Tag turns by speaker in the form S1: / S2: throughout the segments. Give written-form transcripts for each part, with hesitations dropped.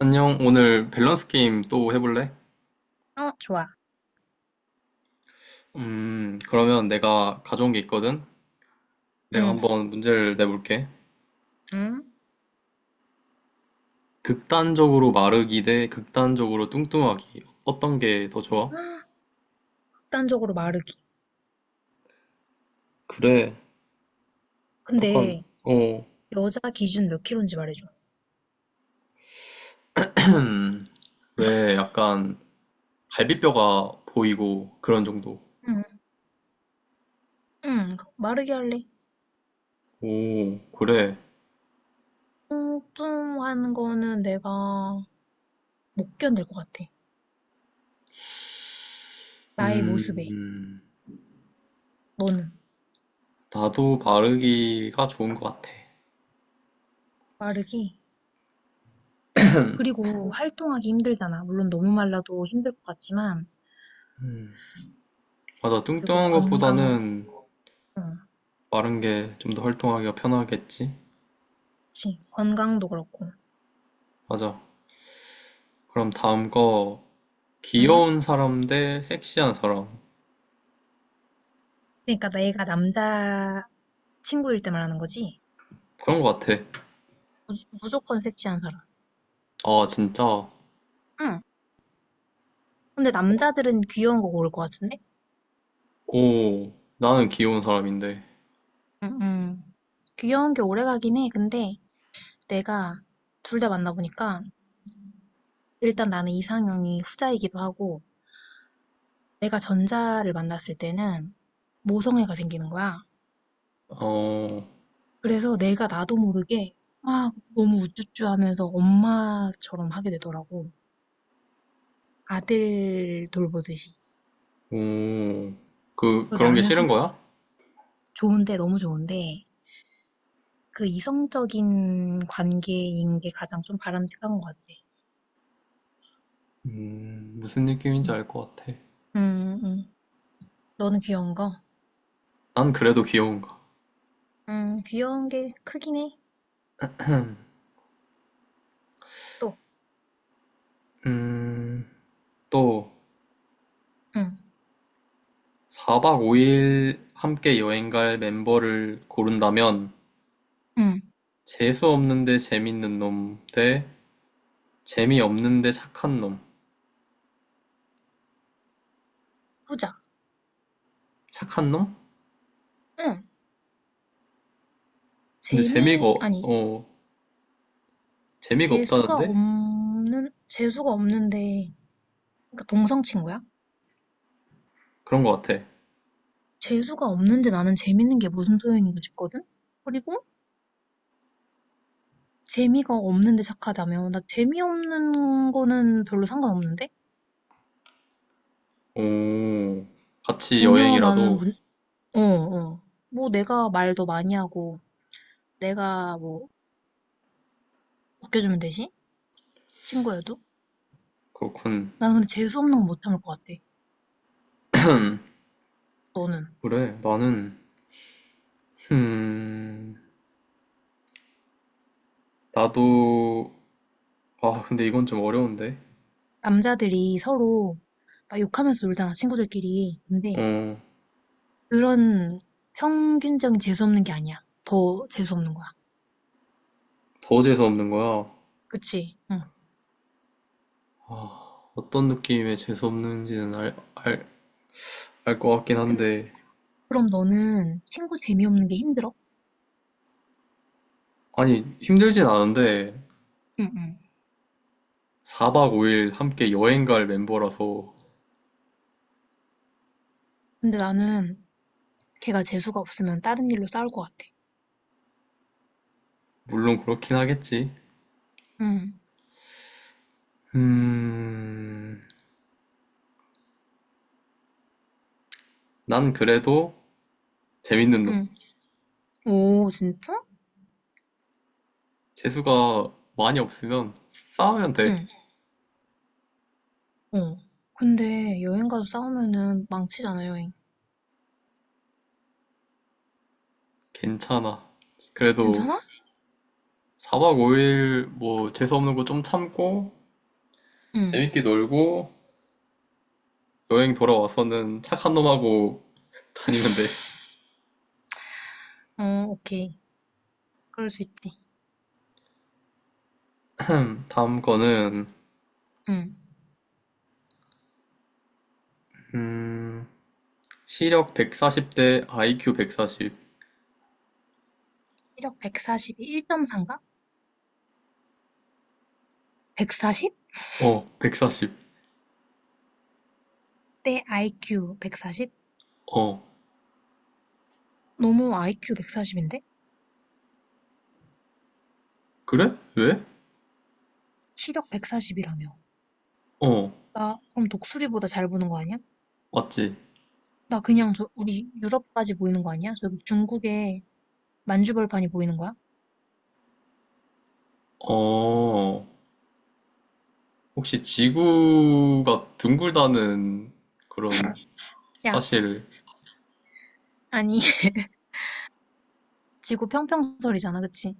S1: 안녕, 오늘 밸런스 게임 또 해볼래?
S2: 어, 좋아.
S1: 그러면 내가 가져온 게 있거든? 내가
S2: 응.
S1: 한번 문제를 내볼게.
S2: 응?
S1: 극단적으로 마르기 대 극단적으로 뚱뚱하기. 어떤 게 더 좋아?
S2: 헉, 극단적으로 마르기.
S1: 그래, 약간,
S2: 근데
S1: 어.
S2: 여자 기준 몇 킬로인지 말해줘.
S1: 왜 약간 갈비뼈가 보이고 그런 정도.
S2: 응. 응. 마르기 할래.
S1: 오, 그래.
S2: 뚱뚱한 거는 내가 못 견딜 것 같아. 나의 모습에.
S1: 음,
S2: 너는?
S1: 나도 마르기가 좋은 것 같아.
S2: 마르기. 그리고 활동하기 힘들잖아. 물론 너무 말라도 힘들 것 같지만.
S1: 맞아,
S2: 그리고
S1: 뚱뚱한
S2: 건강.
S1: 것보다는
S2: 어,
S1: 마른 게 좀 더 활동하기가 편하겠지?
S2: 그치. 건강도 그렇고.
S1: 맞아. 그럼 다음 거
S2: 응?
S1: 귀여운 사람 대 섹시한 사람
S2: 그러니까 내가 남자 친구일 때 말하는 거지.
S1: 그런 거 같아.
S2: 무, 무조건 섹시한 사람.
S1: 아 진짜.
S2: 응. 근데 남자들은 귀여운 거 고를 것 같은데?
S1: 오 나는 귀여운 사람인데.
S2: 응, 응. 귀여운 게 오래 가긴 해. 근데 내가 둘 다 만나보니까 일단 나는 이상형이 후자이기도 하고 내가 전자를 만났을 때는 모성애가 생기는 거야.
S1: 어,
S2: 그래서 내가 나도 모르게 막 너무 우쭈쭈 하면서 엄마처럼 하게 되더라고. 아들 돌보듯이.
S1: 오, 그
S2: 그래서
S1: 그런 게
S2: 나는 좀
S1: 싫은 거야?
S2: 좋은데, 너무 좋은데 그 이성적인 관계인 게 가장 좀 바람직한 것 같아.
S1: 무슨 느낌인지
S2: 음.
S1: 알 것 같아.
S2: 응, 응. 응. 너는 귀여운 거?
S1: 난 그래도 귀여운가.
S2: 귀여운 게 크긴 해. 또.
S1: 음 또
S2: 응.
S1: 4박 5일 함께 여행 갈 멤버를 고른다면
S2: 응.
S1: 재수 없는데 재밌는 놈 대 재미없는데 착한 놈.
S2: 후자.
S1: 착한 놈?
S2: 응.
S1: 근데
S2: 재미, 아니,
S1: 어 재미가 없다는데?
S2: 재수가 없는데, 그러니까 동성 친구야?
S1: 그런 것 같아.
S2: 재수가 없는데 나는 재밌는 게 무슨 소용인가 싶거든? 그리고 재미가 없는데 착하다며. 나 재미없는 거는 별로 상관없는데?
S1: 오, 같이
S2: 전혀 나는,
S1: 여행이라도
S2: 어, 어. 뭐 내가 말도 많이 하고, 내가 뭐 웃겨주면 되지? 친구여도?
S1: 그렇군.
S2: 나는 근데 재수 없는 건 못 참을 것 같아. 너는?
S1: 그래, 나는, 음, 나도, 근데 이건 좀 어려운데.
S2: 남자들이 서로 막 욕하면서 놀잖아, 친구들끼리. 근데
S1: 어,
S2: 그런 평균적인 재수 없는 게 아니야. 더 재수 없는 거야.
S1: 더 재수 없는 거야.
S2: 그치? 응.
S1: 아, 어떤 느낌의 재수 없는지는 알 것 같긴
S2: 근데
S1: 한데.
S2: 그럼 너는 친구 재미없는 게 힘들어?
S1: 아니, 힘들진 않은데
S2: 응, 응,
S1: 4박 5일 함께 여행 갈 멤버라서
S2: 근데 나는 걔가 재수가 없으면 다른 일로 싸울 것 같아.
S1: 물론 그렇긴 하겠지.
S2: 응,
S1: 음, 난 그래도 재밌는 놈.
S2: 응. 오, 진짜?
S1: 재수가 많이 없으면 싸우면 돼.
S2: 응. 어. 근데 여행 가서 싸우면은 망치잖아, 여행.
S1: 괜찮아. 그래도
S2: 괜찮아?
S1: 4박 5일 뭐 재수 없는 거 좀 참고
S2: 응,
S1: 재밌게 놀고 여행 돌아와서는 착한 놈하고 다니면 돼.
S2: 어, 오케이. 그럴 수 있지.
S1: 다음 거는
S2: 응.
S1: 음, 시력 140대 아이큐 140.
S2: 시력 142, 1.3가? 140?
S1: 어, 140.
S2: 대 IQ 140?
S1: 어,
S2: 너무 IQ 140인데?
S1: 그래? 왜?
S2: 시력 140이라며.
S1: 어,
S2: 나 그럼 독수리보다 잘 보는 거 아니야?
S1: 맞지?
S2: 나 그냥 저 우리 유럽까지 보이는 거 아니야? 저기 중국에 만주벌판이 보이는 거야?
S1: 어, 혹시 지구가 둥글다는 그런
S2: 야,
S1: 사실,
S2: 아니 지구 평평설이잖아, 그치?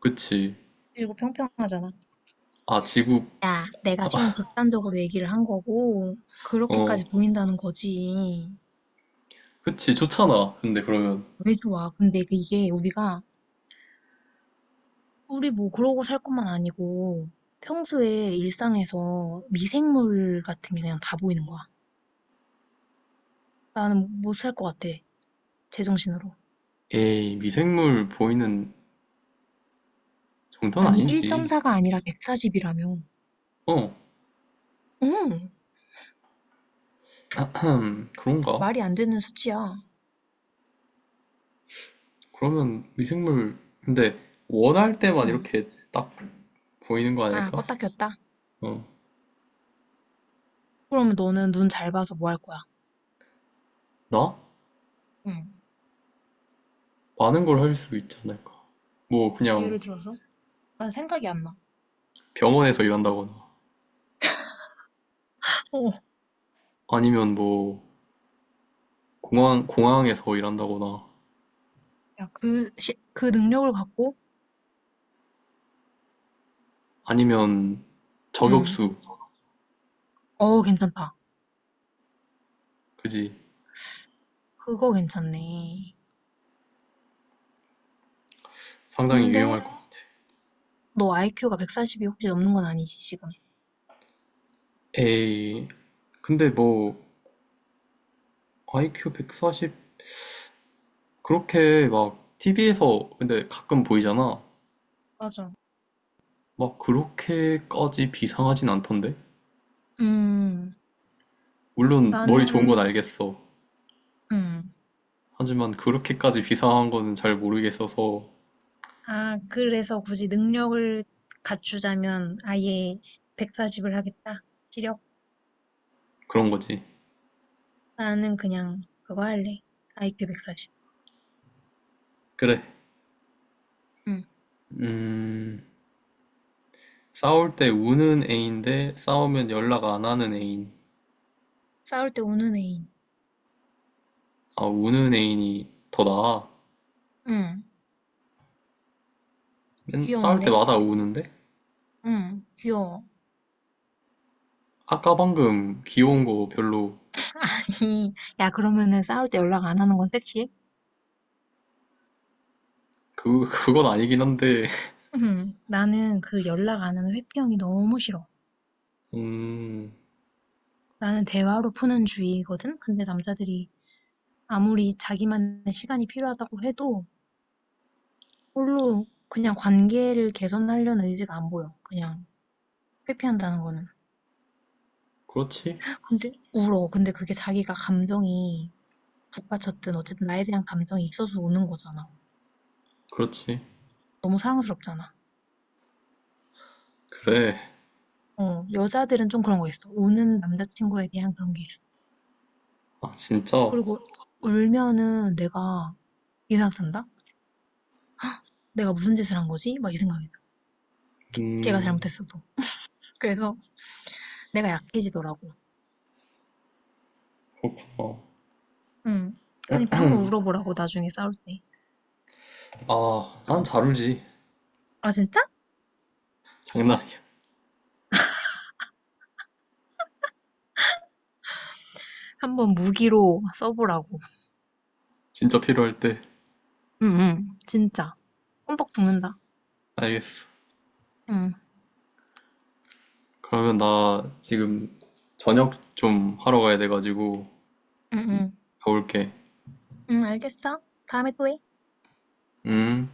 S1: 그치?
S2: 그리고 평평하잖아.
S1: 아, 지구,
S2: 야, 내가 좀 극단적으로 얘기를 한 거고
S1: 어,
S2: 그렇게까지 보인다는 거지.
S1: 그치, 좋잖아. 근데 그러면,
S2: 왜 좋아? 근데 그 이게 우리가 우리 뭐 그러고 살 것만 아니고 평소에 일상에서 미생물 같은 게 그냥 다 보이는 거야. 나는 못 살 것 같아. 제정신으로.
S1: 에이, 미생물 보이는 정도는
S2: 아니,
S1: 아니지.
S2: 1.4가 아니라 140이라며.
S1: 어,
S2: 응,
S1: 그런가?
S2: 말이 안 되는 수치야.
S1: 그러면 미생물, 근데 원할 때만
S2: 응.
S1: 이렇게 딱 보이는 거
S2: 아,
S1: 아닐까?
S2: 껐다 켰다.
S1: 어,
S2: 그러면 너는 눈 잘 봐서 뭐 할 거야?
S1: 나?
S2: 응.
S1: 많은 걸 할 수 있지 않을까? 뭐,
S2: 예를
S1: 그냥
S2: 들어서? 난 생각이 안 나.
S1: 병원에서 일한다거나,
S2: 어, 어.
S1: 아니면 뭐, 공항에서 일한다거나,
S2: 야, 그, 시, 그 능력을 갖고?
S1: 아니면
S2: 응.
S1: 저격수,
S2: 어, 괜찮다.
S1: 그지?
S2: 그거 괜찮네.
S1: 상당히 유용할
S2: 근데
S1: 것 같아.
S2: 너 IQ가 140이 혹시 넘는 건 아니지, 지금?
S1: 에이, 근데 뭐, IQ 140 그렇게 막 TV에서 근데 가끔 보이잖아.
S2: 맞아.
S1: 막 그렇게까지 비상하진 않던데.
S2: 음,
S1: 물론 머리 좋은 건
S2: 나는,
S1: 알겠어.
S2: 음,
S1: 하지만 그렇게까지 비상한 거는 잘 모르겠어서
S2: 아, 그래서 굳이 능력을 갖추자면 아예 140을 하겠다. 시력.
S1: 그런 거지.
S2: 나는 그냥 그거 할래. IQ 140.
S1: 그래.
S2: 응.
S1: 음, 싸울 때 우는 애인데 싸우면 연락 안 하는 애인.
S2: 싸울 때 우는 애인.
S1: 아, 우는 애인이 더 나아.
S2: 응.
S1: 싸울
S2: 귀여운데?
S1: 때마다 우는데?
S2: 응, 귀여워.
S1: 아까 방금 귀여운 거 별로
S2: 아니, 야, 그러면은 싸울 때 연락 안 하는 건 섹시해?
S1: 그건 아니긴 한데.
S2: 응. 나는 그 연락 안 하는 회피형이 너무 싫어.
S1: 음,
S2: 나는 대화로 푸는 주의거든? 근데 남자들이 아무리 자기만의 시간이 필요하다고 해도 별로 그냥 관계를 개선하려는 의지가 안 보여. 그냥 회피한다는 거는.
S1: 그렇지.
S2: 근데 울어. 근데 그게 자기가 감정이 북받쳤든 어쨌든 나에 대한 감정이 있어서 우는 거잖아.
S1: 그렇지.
S2: 너무 사랑스럽잖아.
S1: 그래.
S2: 어, 여자들은 좀 그런 거 있어. 우는 남자친구에 대한 그런 게 있어.
S1: 아, 진짜.
S2: 그리고 울면은 내가 이 생각 든다? 내가 무슨 짓을 한 거지? 막 이 생각이 나. 걔가
S1: 음,
S2: 잘못했어도. 그래서 내가 약해지더라고.
S1: 그렇구나.
S2: 응. 그러니까 한번 울어보라고, 나중에 싸울 때.
S1: 아, 난 잘 울지.
S2: 아, 진짜?
S1: 장난이야.
S2: 한번 무기로 써보라고.
S1: 진짜 필요할 때.
S2: 응응. 진짜. 손뻑 죽는다.
S1: 알겠어.
S2: 응.
S1: 그러면 나 지금 저녁 좀 하러 가야 돼가지고
S2: 응, 응.
S1: 가볼게.
S2: 응, 알겠어. 다음에 또 해.
S1: 음.